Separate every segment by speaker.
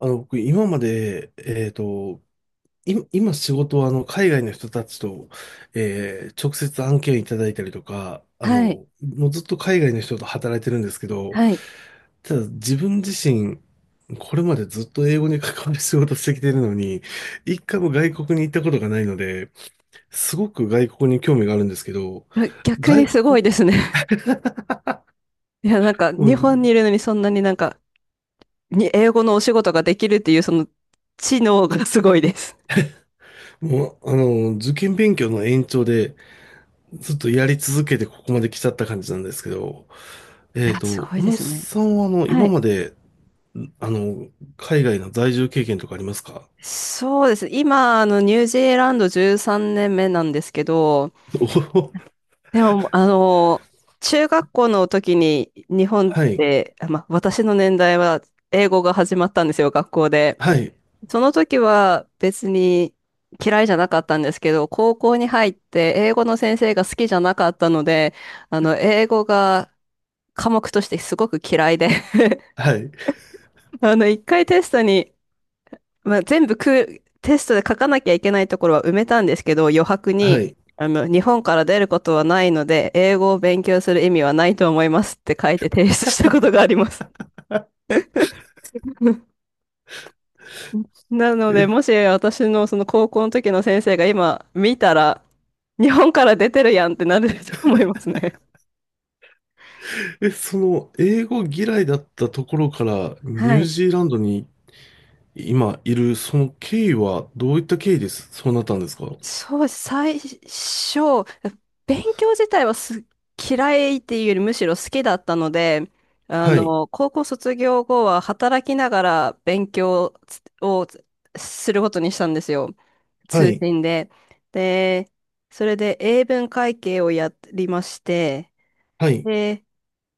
Speaker 1: 僕、今まで、今仕事は、海外の人たちと、直接案件いただいたりとか、
Speaker 2: はい。
Speaker 1: もうずっと海外の人と働いてるんですけど、
Speaker 2: はい。
Speaker 1: ただ自分自身、これまでずっと英語に関わる仕事してきてるのに、一回も外国に行ったことがないので、すごく外国に興味があるんですけど、
Speaker 2: あ、逆に
Speaker 1: 外
Speaker 2: すご
Speaker 1: 国、
Speaker 2: いですね。いや、なんか、
Speaker 1: も
Speaker 2: 日
Speaker 1: う、
Speaker 2: 本にいるのにそんなになんか、に英語のお仕事ができるっていう、その、知能がすごいです。
Speaker 1: もうあの、受験勉強の延長で、ずっとやり続けてここまで来ちゃった感じなんですけど、
Speaker 2: いや、すごい
Speaker 1: 小
Speaker 2: で
Speaker 1: 野
Speaker 2: すね。
Speaker 1: さんは、
Speaker 2: は
Speaker 1: 今
Speaker 2: い。
Speaker 1: まで、あの、海外の在住経験とかありますか？
Speaker 2: そうです。今、ニュージーランド13年目なんですけど、
Speaker 1: おお、
Speaker 2: でも、中学校の時に日 本
Speaker 1: は
Speaker 2: っ
Speaker 1: い、
Speaker 2: て、私の年代は英語が始まったんですよ、学校で。
Speaker 1: はい、
Speaker 2: その時は別に嫌いじゃなかったんですけど、高校に入って英語の先生が好きじゃなかったので、英語が科目としてすごく嫌いで。
Speaker 1: はい、
Speaker 2: 一回テストに、まあ、全部く、テストで書かなきゃいけないところは埋めたんですけど、余白
Speaker 1: は
Speaker 2: に、
Speaker 1: い。
Speaker 2: 日本から出ることはないので、英語を勉強する意味はないと思いますって書いて提出したことがあります。なので、
Speaker 1: え、
Speaker 2: もし私のその高校の時の先生が今見たら、日本から出てるやんってなると思いますね。
Speaker 1: その、英語嫌いだったところから、ニ
Speaker 2: は
Speaker 1: ュー
Speaker 2: い。
Speaker 1: ジーランドに今いる、その経緯は、どういった経緯です、そうなったんですか？
Speaker 2: そう、最初、勉強自体は嫌いっていうよりむしろ好きだったので、
Speaker 1: はい、
Speaker 2: 高校卒業後は働きながら勉強をすることにしたんですよ。
Speaker 1: は
Speaker 2: 通
Speaker 1: い、
Speaker 2: 信で。で、それで英文会計をやりまして、
Speaker 1: はい、
Speaker 2: で、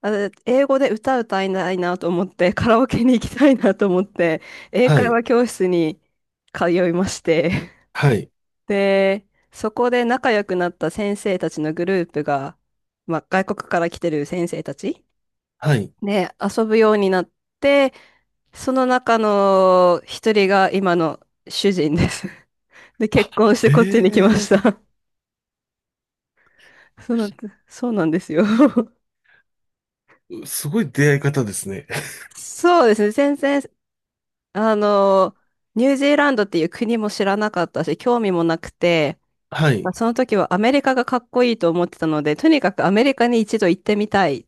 Speaker 2: あの英語で歌歌いたいなと思って、カラオケに行きたいなと思って、英
Speaker 1: は
Speaker 2: 会
Speaker 1: い、
Speaker 2: 話教室に通いまして、
Speaker 1: はい、
Speaker 2: で、そこで仲良くなった先生たちのグループが、まあ、外国から来てる先生たち
Speaker 1: はい。
Speaker 2: で遊ぶようになって、その中の一人が今の主人です。で、結婚してこっちに来ま
Speaker 1: あ、え
Speaker 2: し
Speaker 1: え。
Speaker 2: た。そうなん、そうなんですよ。
Speaker 1: すごい出会い方ですね。
Speaker 2: そうですね。全然あの、ニュージーランドっていう国も知らなかったし、興味もなくて、
Speaker 1: は
Speaker 2: ま
Speaker 1: い、
Speaker 2: あ、その時はアメリカがかっこいいと思ってたので、とにかくアメリカに一度行ってみたい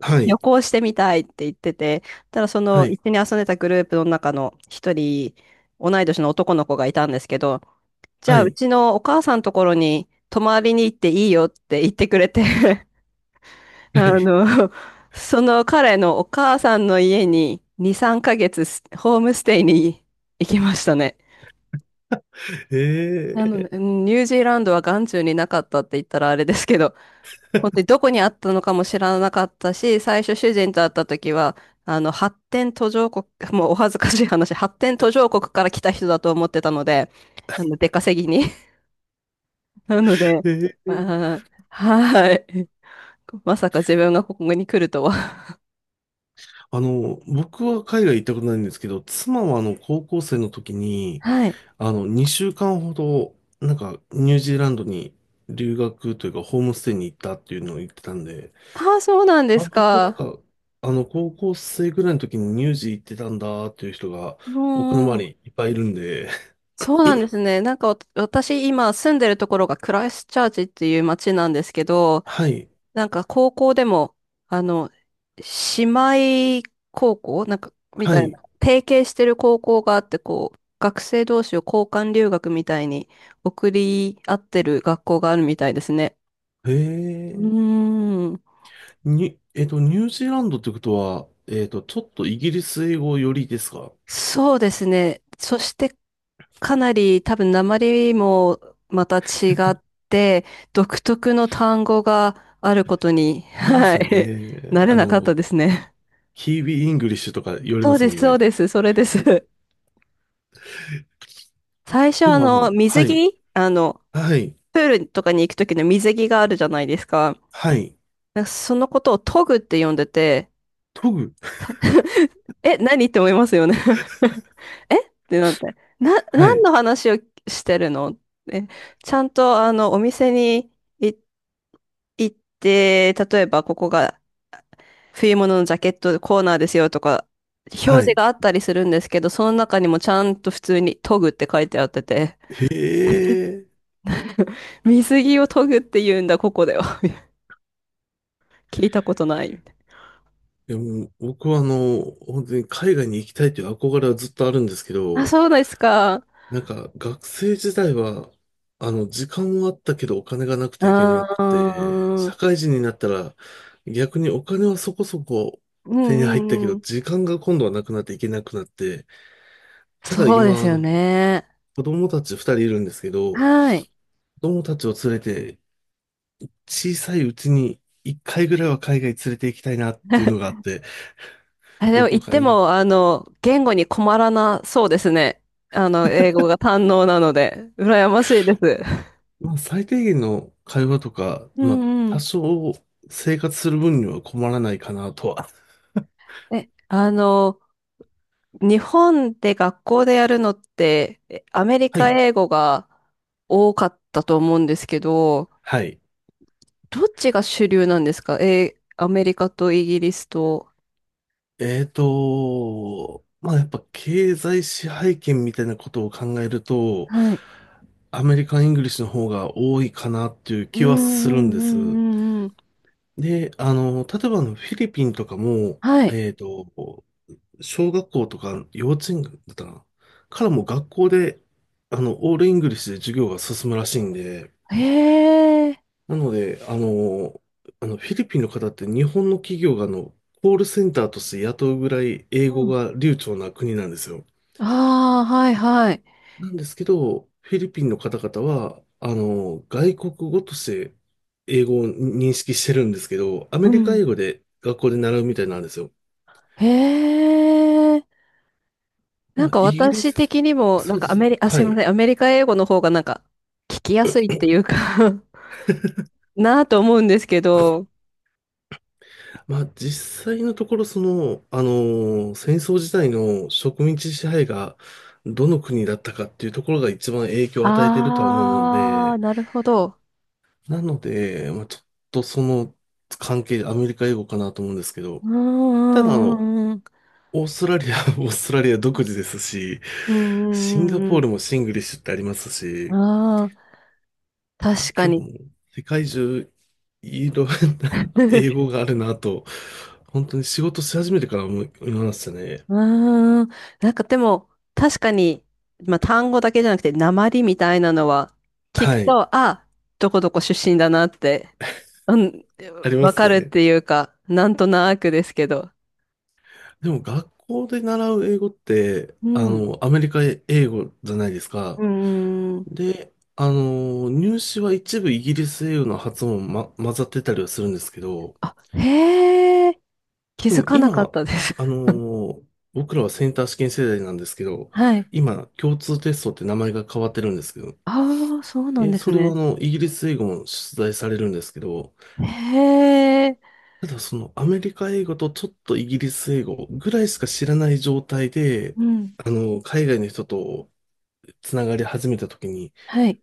Speaker 1: は
Speaker 2: 旅
Speaker 1: い、
Speaker 2: 行してみたいって言ってて、ただそ
Speaker 1: は
Speaker 2: の一
Speaker 1: い、
Speaker 2: 緒に遊んでたグループの中の一人、同い年の男の子がいたんですけど、じゃ
Speaker 1: は
Speaker 2: あう
Speaker 1: い、
Speaker 2: ちのお母さんのところに泊まりに行っていいよって言ってくれて。
Speaker 1: は
Speaker 2: あ
Speaker 1: い。
Speaker 2: の、その彼のお母さんの家に2、3ヶ月ホームステイに行きましたね。なの
Speaker 1: え
Speaker 2: で、う
Speaker 1: え。
Speaker 2: ん、ニュージーランドは眼中になかったって言ったらあれですけど、本当にどこにあったのかも知らなかったし、最初主人と会った時は、発展途上国、もうお恥ずかしい話、発展途上国から来た人だと思ってたので、出稼ぎに。なので、
Speaker 1: で、
Speaker 2: あーはい。まさか自分がここに来るとは。
Speaker 1: あの、僕は海外行ったことないんですけど、妻は高校生の時に、
Speaker 2: はい。
Speaker 1: 2週間ほど、ニュージーランドに留学というか、ホームステイに行ったっていうのを言ってたんで、
Speaker 2: ああ、そうなんです
Speaker 1: 割と
Speaker 2: か。
Speaker 1: 高校生ぐらいの時にニュージー行ってたんだっていう人が、
Speaker 2: う
Speaker 1: 僕の
Speaker 2: んう
Speaker 1: 周
Speaker 2: ん。
Speaker 1: りいっぱいいるんで、
Speaker 2: そうなんですね。なんか私今住んでるところがクライストチャーチっていう街なんですけど、
Speaker 1: はい、
Speaker 2: なんか高校でも、あの、姉妹高校なんか、み
Speaker 1: は
Speaker 2: たい
Speaker 1: い、
Speaker 2: な、提携してる高校があって、こう、学生同士を交換留学みたいに送り合ってる学校があるみたいですね。
Speaker 1: へ
Speaker 2: う
Speaker 1: え、
Speaker 2: ーん、
Speaker 1: に、えっと、ニュージーランドってことは、ちょっとイギリス英語よりですか？
Speaker 2: そうですね。そして、かなり多分訛りもまた違って、独特の単語があることに、
Speaker 1: ありま
Speaker 2: は
Speaker 1: すよ
Speaker 2: い、
Speaker 1: ね。
Speaker 2: 慣れ
Speaker 1: あ
Speaker 2: なかった
Speaker 1: の、
Speaker 2: ですね。
Speaker 1: キービーイングリッシュとか言われ
Speaker 2: そ
Speaker 1: ま
Speaker 2: う
Speaker 1: す
Speaker 2: で
Speaker 1: も
Speaker 2: す、
Speaker 1: ん
Speaker 2: そ
Speaker 1: ね。
Speaker 2: うです、それです。最初
Speaker 1: でもあの、
Speaker 2: 水
Speaker 1: はい、
Speaker 2: 着
Speaker 1: はい、
Speaker 2: プールとかに行く時の水着があるじゃないですか。
Speaker 1: はい、
Speaker 2: なんかそのことをトグって呼んでて、
Speaker 1: トグ、
Speaker 2: え、何って思いますよね。 えってなって。
Speaker 1: は
Speaker 2: 何
Speaker 1: い、
Speaker 2: の話をしてるの。え、ちゃんとお店に行行って、例えばここが冬物のジャケットコーナーですよとか、表
Speaker 1: は
Speaker 2: 示
Speaker 1: い。
Speaker 2: があったりするんですけど、その中にもちゃんと普通にトグって書いてあってて、
Speaker 1: へえ。
Speaker 2: 水着をトグって言うんだ、ここでは聞いたことないみたい。
Speaker 1: でも僕はあの、本当に海外に行きたいという憧れはずっとあるんですけ
Speaker 2: なあ、
Speaker 1: ど、
Speaker 2: そうですか。う
Speaker 1: なんか学生時代は、時間はあったけどお金がなくていけなく
Speaker 2: ー
Speaker 1: て、
Speaker 2: ん。う
Speaker 1: 社
Speaker 2: ん
Speaker 1: 会人になったら逆にお金はそこそこ
Speaker 2: う
Speaker 1: 手に入ったけ
Speaker 2: んう
Speaker 1: ど、
Speaker 2: ん。
Speaker 1: 時間が今度はなくなっていけなくなって、ただ
Speaker 2: そうで
Speaker 1: 今、
Speaker 2: すよね。
Speaker 1: 子供たち二人いるんですけど、
Speaker 2: はい。
Speaker 1: 子供たちを連れて、小さいうちに一回ぐらいは海外連れて行きたいなっていうのが あって、
Speaker 2: あ、で
Speaker 1: ど
Speaker 2: も言
Speaker 1: こ
Speaker 2: っ
Speaker 1: か
Speaker 2: て
Speaker 1: いい、
Speaker 2: も、言語に困らなそうですね。英語が堪能なので、羨ましいです。
Speaker 1: まあ最低限の会話とか、
Speaker 2: う
Speaker 1: まあ
Speaker 2: んう
Speaker 1: 多
Speaker 2: ん。
Speaker 1: 少生活する分には困らないかなとは。
Speaker 2: え、日本で学校でやるのって、アメリ
Speaker 1: は
Speaker 2: カ
Speaker 1: い。
Speaker 2: 英語が多かったと思うんですけど、
Speaker 1: はい。
Speaker 2: どっちが主流なんですか。アメリカとイギリスと。
Speaker 1: まあやっぱ経済支配権みたいなことを考えると、
Speaker 2: はい。
Speaker 1: アメリカン・イングリッシュの方が多いかなっていう
Speaker 2: う
Speaker 1: 気
Speaker 2: んう
Speaker 1: はするん
Speaker 2: ん
Speaker 1: で
Speaker 2: うん
Speaker 1: す。
Speaker 2: うんうん。
Speaker 1: で、例えばあのフィリピンとかも、
Speaker 2: はい。
Speaker 1: えーと、小学校とか幼稚園だったかなからもう学校で、オールイングリッシュで授業が進むらしいんで、
Speaker 2: へえ。
Speaker 1: なので、フィリピンの方って日本の企業があの、コールセンターとして雇うぐらい英
Speaker 2: う
Speaker 1: 語
Speaker 2: ん。
Speaker 1: が流暢な国なんですよ。
Speaker 2: ああ、はいはい。
Speaker 1: なんですけど、フィリピンの方々は、外国語として英語を認識してるんですけど、ア
Speaker 2: う
Speaker 1: メリカ
Speaker 2: ん。
Speaker 1: 英語で学校で習うみたいなんですよ。
Speaker 2: へえ。な
Speaker 1: ま
Speaker 2: ん
Speaker 1: あ、
Speaker 2: か
Speaker 1: イギリ
Speaker 2: 私
Speaker 1: ス、
Speaker 2: 的にも、なん
Speaker 1: そうで
Speaker 2: かア
Speaker 1: すね。
Speaker 2: メリ、あ、
Speaker 1: は
Speaker 2: すいま
Speaker 1: い。
Speaker 2: せん。アメリカ英語の方がなんか聞きやすいっていうか、 なあと思うんですけど。
Speaker 1: まあ実際のところその、戦争時代の植民地支配がどの国だったかっていうところが一番影響を与えているとは思うの
Speaker 2: ああ、
Speaker 1: で、
Speaker 2: なるほど。
Speaker 1: なので、まあちょっとその関係でアメリカ英語かなと思うんですけど、
Speaker 2: うんう
Speaker 1: ただあ
Speaker 2: んう
Speaker 1: の、
Speaker 2: んうん。
Speaker 1: オーストラリア、オーストラリア独自ですし、
Speaker 2: うん
Speaker 1: シ
Speaker 2: う
Speaker 1: ンガ
Speaker 2: ん
Speaker 1: ポ
Speaker 2: う
Speaker 1: ール
Speaker 2: ん
Speaker 1: もシングリッシュってあります
Speaker 2: うん。
Speaker 1: し、
Speaker 2: ああ、確か
Speaker 1: 結構
Speaker 2: に。
Speaker 1: もう世界中いろんな 英 語があるなと、本当に仕事し始めてから思いましたね。
Speaker 2: うーん。なんかでも、確かに、まあ単語だけじゃなくて、訛りみたいなのは、聞
Speaker 1: は
Speaker 2: く
Speaker 1: い。
Speaker 2: と、あ、どこどこ出身だなって、うん、
Speaker 1: ありま
Speaker 2: わ
Speaker 1: す
Speaker 2: かるっ
Speaker 1: ね。
Speaker 2: ていうか、なんとなくですけど。
Speaker 1: でも学校で習う英語って、
Speaker 2: うん。
Speaker 1: アメリカ英語じゃないですか。
Speaker 2: うーん。
Speaker 1: で、入試は一部イギリス英語の発音も、混ざってたりはするんですけど、
Speaker 2: あ、へえ、気
Speaker 1: 特
Speaker 2: づ
Speaker 1: に
Speaker 2: かなかっ
Speaker 1: 今、
Speaker 2: たです。
Speaker 1: あ の、僕らはセンター試験世代なんですけど、
Speaker 2: はい。
Speaker 1: 今、共通テストって名前が変わってるんですけど、
Speaker 2: ああ、そうなんです
Speaker 1: それはあ
Speaker 2: ね。
Speaker 1: の、イギリス英語も出題されるんですけど、
Speaker 2: へえ、
Speaker 1: ただそのアメリカ英語とちょっとイギリス英語ぐらいしか知らない状態で、
Speaker 2: うん。
Speaker 1: 海外の人とつながり始めた時に、
Speaker 2: はい。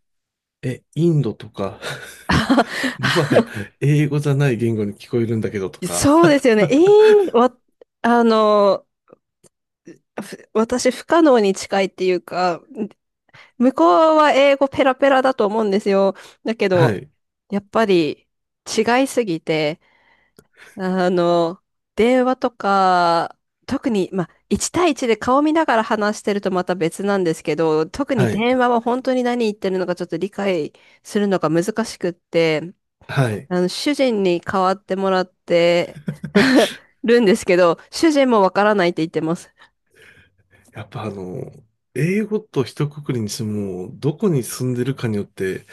Speaker 1: インドとか、もはや 英語じゃない言語に聞こえるんだけどと
Speaker 2: そうで
Speaker 1: か、
Speaker 2: すよね。ええ、あの、私不可能に近いっていうか、向こうは英語ペラペラだと思うんですよ。だけ
Speaker 1: は
Speaker 2: ど、
Speaker 1: い、
Speaker 2: やっぱり違いすぎて、あの、電話とか、特に、まあ、1対1で顔見ながら話してるとまた別なんですけど、特に
Speaker 1: はい、
Speaker 2: 電話は本当に何言ってるのかちょっと理解するのが難しくって、
Speaker 1: はい。
Speaker 2: 主人に代わってもらって るんですけど、主人もわからないって言ってます。
Speaker 1: やっぱあの、英語と一括りにしても、どこに住んでるかによって、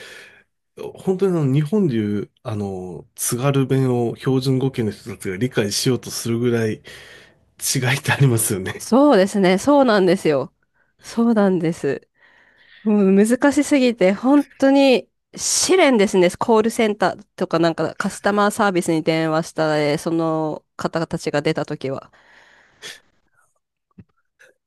Speaker 1: 本当にあの、日本でいう、津軽弁を標準語圏の人たちが理解しようとするぐらい違いってありますよね。
Speaker 2: そうですね。そうなんですよ。そうなんです。うん、難しすぎて、本当に試練ですね。コールセンターとかなんかカスタマーサービスに電話したら、その方たちが出たときは。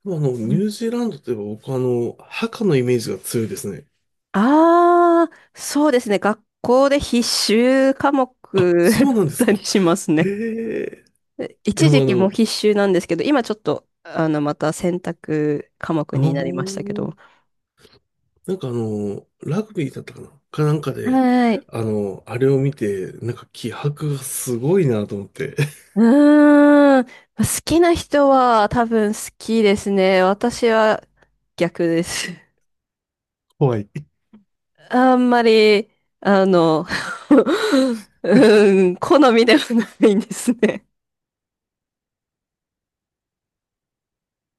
Speaker 1: あの、ニュージーランドといえば僕はあの、墓のイメージが強いですね。
Speaker 2: ああー、そうですね。学校で必修科目
Speaker 1: あ、そうなんで
Speaker 2: だっ
Speaker 1: す
Speaker 2: た
Speaker 1: か。
Speaker 2: りします
Speaker 1: へ
Speaker 2: ね。
Speaker 1: え。い
Speaker 2: 一
Speaker 1: や、もう
Speaker 2: 時
Speaker 1: あ
Speaker 2: 期も
Speaker 1: の、
Speaker 2: 必修なんですけど、今ちょっと、また選択科目
Speaker 1: あ
Speaker 2: になりましたけ
Speaker 1: ー
Speaker 2: ど。
Speaker 1: ラグビーだったかなんかで、
Speaker 2: はい。
Speaker 1: あれを見て、なんか気迫がすごいなと思って。
Speaker 2: うーん。好きな人は多分好きですね。私は逆です。
Speaker 1: 怖い。
Speaker 2: あんまり、あの、うーん、好みではないんですね。